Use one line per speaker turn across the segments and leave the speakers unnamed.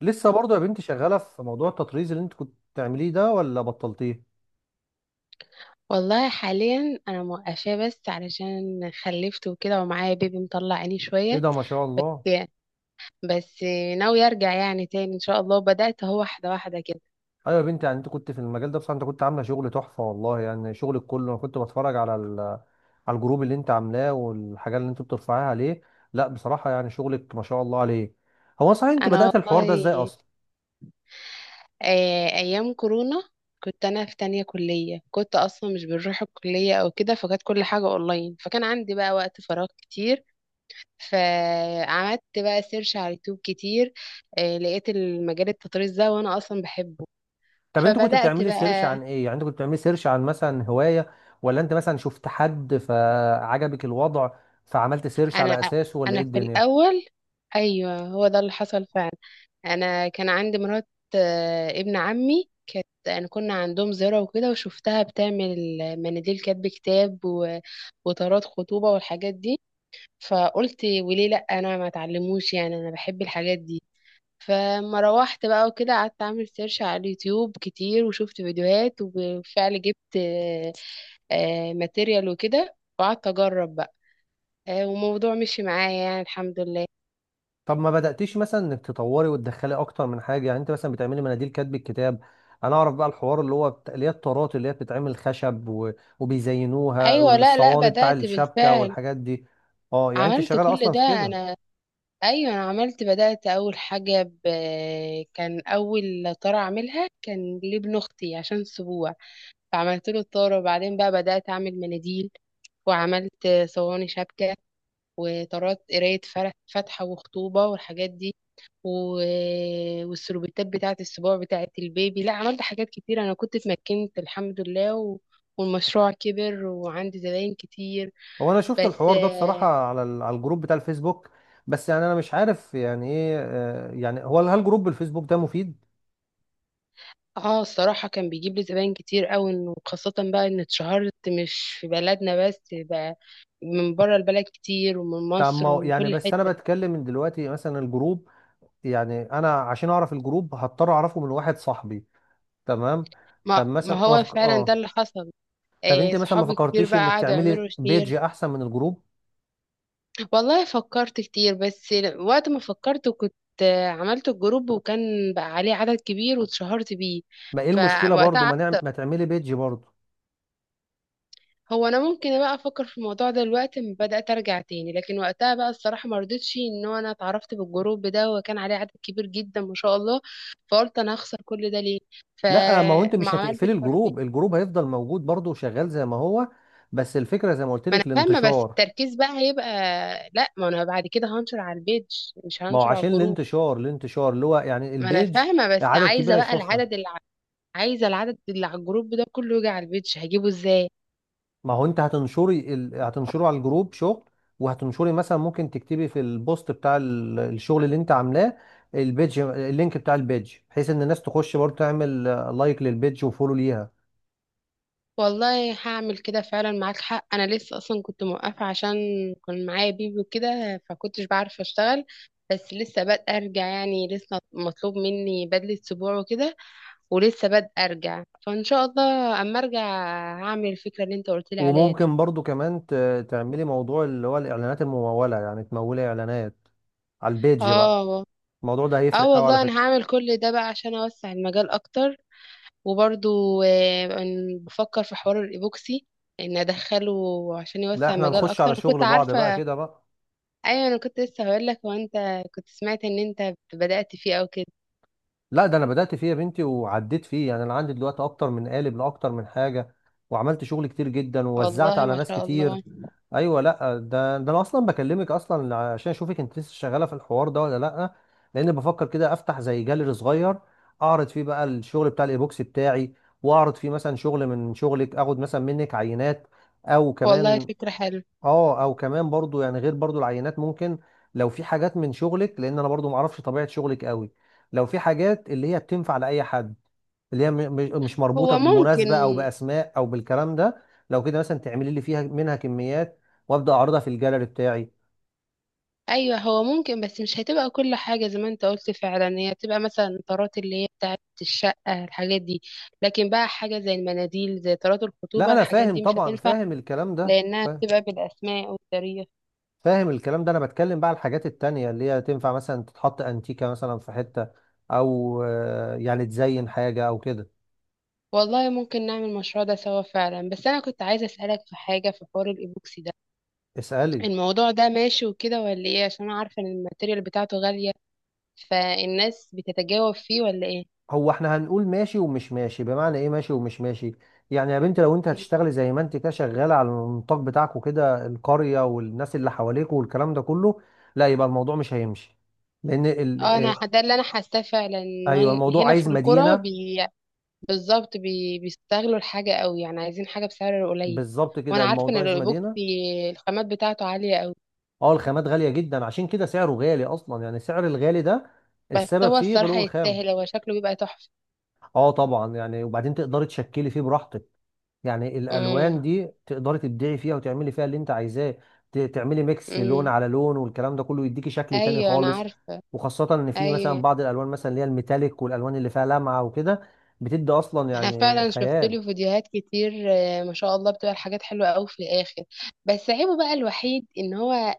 لسه برضه يا بنتي شغاله في موضوع التطريز اللي انت كنت بتعمليه ده ولا بطلتيه؟
والله حاليا انا موقفاه، بس علشان خلفت وكده ومعايا بيبي مطلع عيني
ايه
شويه.
ده، ما شاء
بس
الله.
بس ناوي ارجع يعني تاني ان شاء الله، بدات اهو واحده واحده كده.
ايوه يا بنتي، يعني انت كنت في المجال ده بصراحه، انت كنت عامله شغل تحفه والله، يعني شغلك كله انا كنت بتفرج على الجروب اللي انت عاملاه، والحاجات اللي انت بترفعيها عليه. لا، بصراحه يعني شغلك ما شاء الله عليه. هو صحيح انت
انا
بدات الحوار ده ازاي
والله
اصلا؟
ايام كورونا كنت انا في تانية كليه، كنت اصلا مش بنروح الكليه او كده، فكانت كل حاجه اونلاين، فكان عندي بقى وقت فراغ كتير. فعملت بقى سيرش على اليوتيوب كتير. لقيت المجال التطريز ده وانا اصلا بحبه.
طب انت كنت
فبدات
بتعملي سيرش
بقى
عن ايه؟ يعني انت كنت بتعملي سيرش عن مثلا هوايه، ولا انت مثلا شفت حد فعجبك الوضع فعملت سيرش
انا
على اساسه، ولا ايه
انا في
الدنيا؟
الاول. ايوه هو ده اللي حصل فعلا. انا كان عندي مرات ابن عمي، كانت انا كنا عندهم زيارة وكده وشفتها بتعمل مناديل كاتب كتاب وطارات خطوبة والحاجات دي. فقلت وليه لا، انا ما اتعلموش، يعني انا بحب الحاجات دي. فما روحت بقى وكده، قعدت اعمل سيرش على اليوتيوب كتير وشفت فيديوهات، وبالفعل جبت ماتيريال وكده وقعدت اجرب بقى. وموضوع مشي معايا يعني الحمد لله.
طب ما بدأتيش مثلا انك تطوري وتدخلي اكتر من حاجه؟ يعني انت مثلا بتعملي مناديل كاتب الكتاب، انا اعرف بقى الحوار اللي هو اللي هي الطارات اللي هي بتتعمل خشب وبيزينوها
ايوه لا لا
الصواني بتاع
بدأت
الشبكه
بالفعل،
والحاجات دي. اه، يعني انت
عملت
شغاله
كل
اصلا
ده.
في كده.
انا ايوه انا عملت، بدأت اول حاجة كان اول طارة اعملها كان لابن اختي عشان سبوع، فعملت له الطارة وبعدين بقى بدأت اعمل مناديل، وعملت صواني شبكة وطارات قراية فاتحة وخطوبة والحاجات دي و... والسربتات بتاعة السبوع بتاعة البيبي، لا عملت حاجات كتير، أنا كنت اتمكنت الحمد لله والمشروع كبر وعندي زباين كتير.
هو انا شفت
بس
الحوار ده بصراحه على الجروب بتاع الفيسبوك، بس يعني انا مش عارف يعني ايه، يعني هو هل جروب الفيسبوك ده مفيد؟
اه الصراحة كان بيجيب لي زباين كتير قوي، انه خاصة بقى ان اتشهرت مش في بلدنا بس بقى، من بره البلد كتير ومن
طب ما
مصر
هو-
ومن
يعني
كل
بس انا
حتة.
بتكلم من دلوقتي مثلا الجروب، يعني انا عشان اعرف الجروب هضطر اعرفه من واحد صاحبي، تمام.
ما
طب
ما
مثلا ما
هو
فك...
فعلا ده
اه
اللي حصل.
طب
آه،
انت مثلا ما
صحابي كتير
فكرتيش
بقى
انك
قعدوا
تعملي
يعملوا
بيج
شير.
احسن من الجروب؟
والله فكرت كتير بس، وقت ما فكرت كنت عملت الجروب، وكان بقى عليه عدد كبير واتشهرت بيه.
ما ايه المشكله برضو،
فوقتها
ما تعملي بيج برضو؟
هو انا ممكن بقى افكر في الموضوع ده دلوقتي لما بدات ارجع تاني، لكن وقتها بقى الصراحه ما رضيتش، ان هو انا اتعرفت بالجروب ده وكان عليه عدد كبير جدا ما شاء الله. فقلت انا هخسر كل ده ليه؟
لا، ما هو انت
فما
مش
عملتش
هتقفلي
فرق بيني.
الجروب، الجروب هيفضل موجود برضو وشغال زي ما هو، بس الفكره زي ما قلت
ما انا
لك،
فاهمه بس
الانتشار.
التركيز بقى هيبقى، لا ما انا بعد كده هنشر على البيج، مش
ما هو
هنشر على
عشان
الجروب.
الانتشار اللي هو يعني
ما انا
البيج،
فاهمه، بس
عدد
عايزه
كبير
بقى
هيشوفها.
العدد اللي عايزه العدد اللي على الجروب ده كله يجي على البيج، هجيبه ازاي؟
ما هو انت هتنشره على الجروب شغل، وهتنشري مثلا ممكن تكتبي في البوست بتاع الشغل اللي انت عاملاه، البيج اللينك بتاع البيج، بحيث ان الناس تخش برضه تعمل لايك للبيج وفولو ليها.
والله هعمل كده فعلا، معاك حق، انا لسه اصلا كنت موقفه، عشان كان معايا بيبي وكده، فكنتش بعرف اشتغل. بس لسه بادئه ارجع يعني، لسه مطلوب مني بدله سبوع وكده، ولسه بادئه ارجع، فان شاء الله اما ارجع هعمل الفكره اللي انت قلت لي عليها دي.
وممكن برضه كمان تعملي موضوع اللي هو الاعلانات الممولة، يعني تمولي اعلانات على البيج بقى.
اه.
الموضوع ده
اه
هيفرق قوي على
والله انا
فكرة.
هعمل كل ده بقى عشان اوسع المجال اكتر. وبرضو بفكر في حوار الايبوكسي، ان ادخله عشان
لا،
يوسع
احنا
المجال
هنخش
اكتر،
على
كنت
شغل بعض بقى
عارفه.
كده بقى.
ايوه انا كنت لسه هقول لك، هو انت كنت سمعت ان انت بدأت فيه او كده؟
لا، ده انا بدأت فيه يا بنتي وعديت فيه، يعني انا عندي دلوقتي اكتر من قالب لاكتر من حاجة، وعملت شغل كتير جدا ووزعت
والله
على
ما
ناس
شاء
كتير.
الله.
ايوه، لا ده انا اصلا بكلمك اصلا عشان اشوفك انت لسه شغالة في الحوار ده ولا لا، لان بفكر كده افتح زي جاليري صغير، اعرض فيه بقى الشغل بتاع الايبوكسي بتاعي، واعرض فيه مثلا شغل من شغلك، اخد مثلا منك عينات او
والله
كمان.
فكرة حلوة.
اه، او كمان برضو، يعني غير برضو العينات، ممكن لو في حاجات من شغلك، لان انا برضو معرفش طبيعة شغلك قوي، لو في حاجات اللي هي بتنفع لأي حد، اللي هي مش مربوطة
هو ممكن.
بمناسبة او بأسماء او بالكلام ده، لو كده مثلا تعملي لي فيها منها كميات، وابدأ اعرضها في الجاليري بتاعي.
ايوه هو ممكن، بس مش هتبقى كل حاجة زي ما انت قلت فعلا، هي بتبقى مثلا طارات اللي هي بتاعت الشقة الحاجات دي، لكن بقى حاجة زي المناديل زي طارات
لا،
الخطوبة
انا
الحاجات
فاهم
دي مش
طبعا،
هتنفع،
فاهم الكلام ده
لانها
فا-
بتبقى بالاسماء والتاريخ.
فاهم الكلام ده، انا بتكلم بقى على الحاجات التانية اللي هي تنفع مثلا تتحط انتيكة مثلا في حتة، او يعني تزين حاجة او كده.
والله ممكن نعمل المشروع ده سوا فعلا، بس انا كنت عايزة اسألك في حاجة في حوار الايبوكسي ده.
اسألي.
الموضوع ده ماشي وكده ولا ايه؟ عشان انا عارفه ان الماتيريال بتاعته غاليه، فالناس بتتجاوب فيه ولا ايه؟
هو احنا هنقول ماشي ومش ماشي، بمعنى ايه ماشي ومش ماشي؟ يعني يا بنت، لو انت هتشتغلي زي ما انت كده شغاله على النطاق بتاعك وكده، القريه والناس اللي حواليك والكلام ده كله، لا، يبقى الموضوع مش هيمشي، لان ال...
اه انا
اه،
ده اللي انا حاساه فعلا، إن
ايوه الموضوع
هنا في
عايز
القرى
مدينه.
بالظبط بيستغلوا الحاجه قوي، يعني عايزين حاجه بسعر قليل.
بالظبط
وانا
كده،
عارفه ان
الموضوع عايز
الايبوكسي
مدينه.
الخامات بتاعته عاليه قوي.
اه، الخامات غاليه جدا، عشان كده سعره غالي اصلا، يعني سعر الغالي ده
بس
السبب
هو
فيه
الصراحه
غلو الخام.
يستاهل، هو شكله بيبقى تحفه.
اه طبعا، يعني وبعدين تقدري تشكلي فيه براحتك، يعني
امم
الالوان دي تقدري تبدعي فيها وتعملي فيها اللي انت عايزاه، تعملي ميكس لون
امم
على لون والكلام ده كله، يديكي شكل تاني
ايوه انا
خالص.
عارفه.
وخاصة ان في مثلا
ايوه
بعض الالوان، مثلا اللي هي الميتاليك والالوان اللي فيها لمعة وكده، بتدي اصلا
انا
يعني
فعلا شفت
خيال.
له فيديوهات كتير، ما شاء الله بتبقى الحاجات حلوه قوي في الاخر. بس عيبه بقى الوحيد ان هو،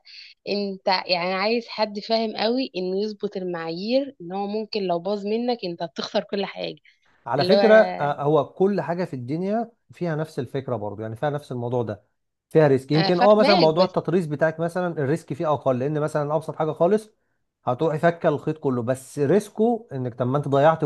انت يعني عايز حد فاهم قوي انه يظبط المعايير، ان هو ممكن لو باظ منك انت بتخسر كل حاجه.
على
اللي هو
فكرة، هو كل حاجة في الدنيا فيها نفس الفكرة برضو، يعني فيها نفس الموضوع ده، فيها ريسك.
انا
يمكن اه مثلا
فاهماك
موضوع
بس.
التطريز بتاعك، مثلا الريسك فيه اقل، لان مثلا ابسط حاجة خالص هتروحي فكه الخيط كله، بس ريسكه انك طب ما انت ضيعت.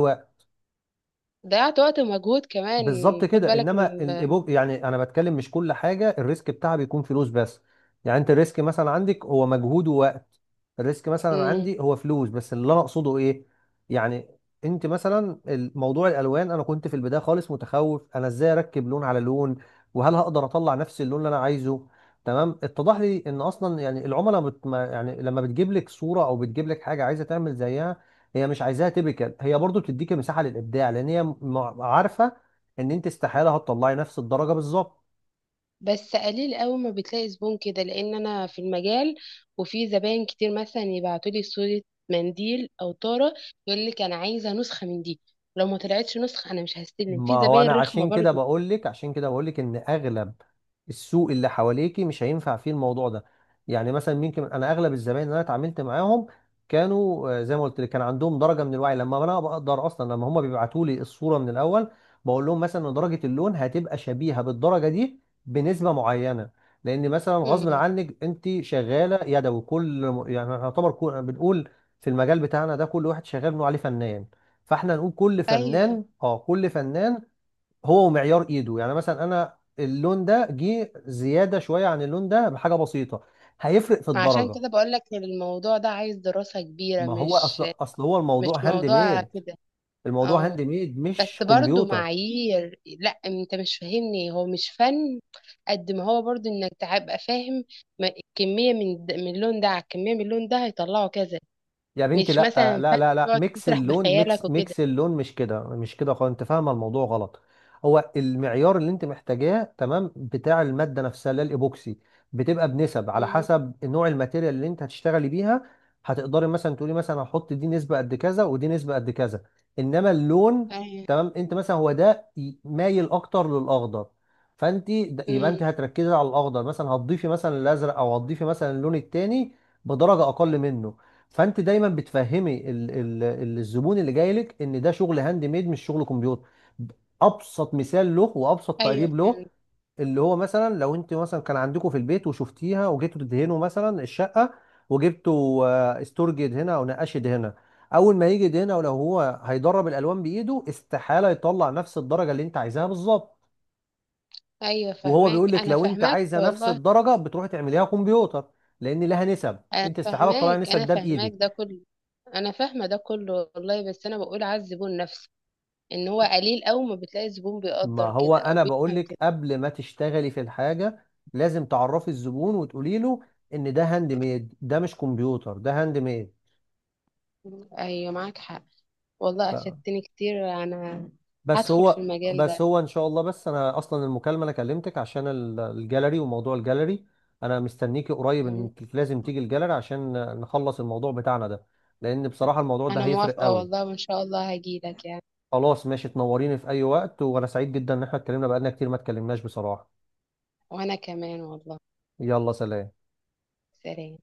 ضيعت وقت ومجهود كمان.
بالظبط
خد
كده،
بالك
انما يعني انا بتكلم مش كل حاجه الريسك بتاعها بيكون فلوس بس، يعني انت الريسك مثلا عندك هو مجهود ووقت، الريسك مثلا
ان.
عندي هو فلوس بس. اللي انا اقصده ايه، يعني انت مثلا موضوع الالوان، انا كنت في البدايه خالص متخوف، انا ازاي اركب لون على لون؟ وهل هقدر اطلع نفس اللون اللي انا عايزه؟ تمام، اتضح لي ان اصلا يعني العملاء بت... ما- يعني لما بتجيب لك صوره او بتجيب لك حاجه عايزه تعمل زيها، هي مش عايزاها تيبيكال، هي برضو بتديك مساحه للابداع، لان هي عارفه ان انت استحاله هتطلعي نفس الدرجه بالظبط.
بس قليل قوي ما بتلاقي زبون كده، لان انا في المجال وفي زباين كتير مثلا يبعتوا لي صورة منديل او طارة، يقول لك انا عايزة نسخة من دي، لو ما طلعتش نسخة انا مش هستلم
ما
في
هو
زباين
انا
رخمة
عشان كده
برضو.
بقول لك، عشان كده بقول لك ان اغلب السوق اللي حواليكي مش هينفع فيه الموضوع ده. يعني مثلا ممكن انا اغلب الزباين اللي انا اتعاملت معاهم كانوا، زي ما قلت لك، كان عندهم درجه من الوعي، لما انا بقدر اصلا لما هم بيبعتوا لي الصوره من الاول، بقول لهم مثلا ان درجه اللون هتبقى شبيهه بالدرجه دي بنسبه معينه، لان مثلا غصب
مم.
عنك، انت شغاله يدوي، كل يعني يعتبر بنقول في المجال بتاعنا ده كل واحد شغال بنقول عليه فنان، فاحنا نقول كل
ايوه
فنان اه كل فنان هو ومعيار ايده. يعني مثلا انا اللون ده جه زياده شويه عن اللون ده بحاجه بسيطه، هيفرق في
ما عشان
الدرجه.
كده بقول لك الموضوع ده عايز دراسة كبيرة،
ما هو اصل
مش
اصل هو
مش
الموضوع هاند
موضوع
ميد،
كده.
الموضوع
اه
هاند ميد
بس
مش
برضو
كمبيوتر.
معايير، لا انت مش فاهمني، هو مش فن قد ما هو برضو انك تبقى فاهم كمية من اللون ده على كمية من اللون ده هيطلعوا كذا،
يا بنتي،
مش
لا
مثلا فن
لا لا لا،
تقعد
ميكس
تسرح
اللون،
بخيالك
ميكس
وكده.
ميكس اللون مش كده، مش كده خالص، انت فاهمه الموضوع غلط. هو المعيار اللي انت محتاجاه تمام بتاع الماده نفسها اللي هي الايبوكسي، بتبقى بنسب على
مم.
حسب نوع الماتيريال اللي انت هتشتغلي بيها، هتقدري مثلا تقولي مثلا هحط دي نسبه قد كذا ودي نسبه قد كذا. انما اللون،
ايوه.
تمام انت مثلا هو ده مايل اكتر للاخضر، فانت يبقى
مم.
انت هتركزي على الاخضر، مثلا هتضيفي مثلا الازرق، او هتضيفي مثلا اللون التاني بدرجه اقل منه. فانت دايما بتفهمي الزبون اللي جاي لك ان ده شغل هاند ميد، مش شغل كمبيوتر. ابسط مثال له وابسط
ايوه
تقريب له،
فهمت.
اللي هو مثلا لو انت مثلا كان عندكم في البيت وشفتيها، وجيتوا تدهنوا مثلا الشقه، وجبتوا استورج يدهنها او نقاش يدهنها، اول ما يجي يدهنها، ولو هو هيدرب الالوان بايده، استحاله يطلع نفس الدرجه اللي انت عايزاها بالظبط.
ايوه
وهو بيقول
فهماك
لك
انا
لو انت
فاهماك
عايزه نفس
والله.
الدرجه، بتروحي تعمليها كمبيوتر، لان لها نسب،
انا
انت استحاله تطلعي
فاهماك
نسب
انا
ده
فاهماك
بايدك.
ده كله. انا فاهمه ده كله والله، بس انا بقول على الزبون نفسه، ان هو قليل أوي ما بتلاقي زبون
ما
بيقدر
هو
كده او
انا بقول
بيفهم
لك
كده.
قبل ما تشتغلي في الحاجه، لازم تعرفي الزبون وتقولي له ان ده هاند ميد، ده مش كمبيوتر، ده هاند ميد.
ايوه معاك حق. والله
ف...
أفدتني كتير أنا.
بس
هدخل في
هو
المجال
بس
ده.
هو ان شاء الله، بس انا اصلا المكالمه انا كلمتك عشان الجاليري وموضوع الجاليري. انا مستنيكي قريب،
مم.
انك لازم تيجي الجاليري عشان نخلص الموضوع بتاعنا ده، لان بصراحه الموضوع ده
أنا
هيفرق
موافقة
قوي.
والله وإن شاء الله هجيلك يعني.
خلاص ماشي، تنوريني في اي وقت، وانا سعيد جدا ان احنا اتكلمنا، بقالنا كتير ما اتكلمناش بصراحه.
وأنا كمان والله.
يلا، سلام.
سلام.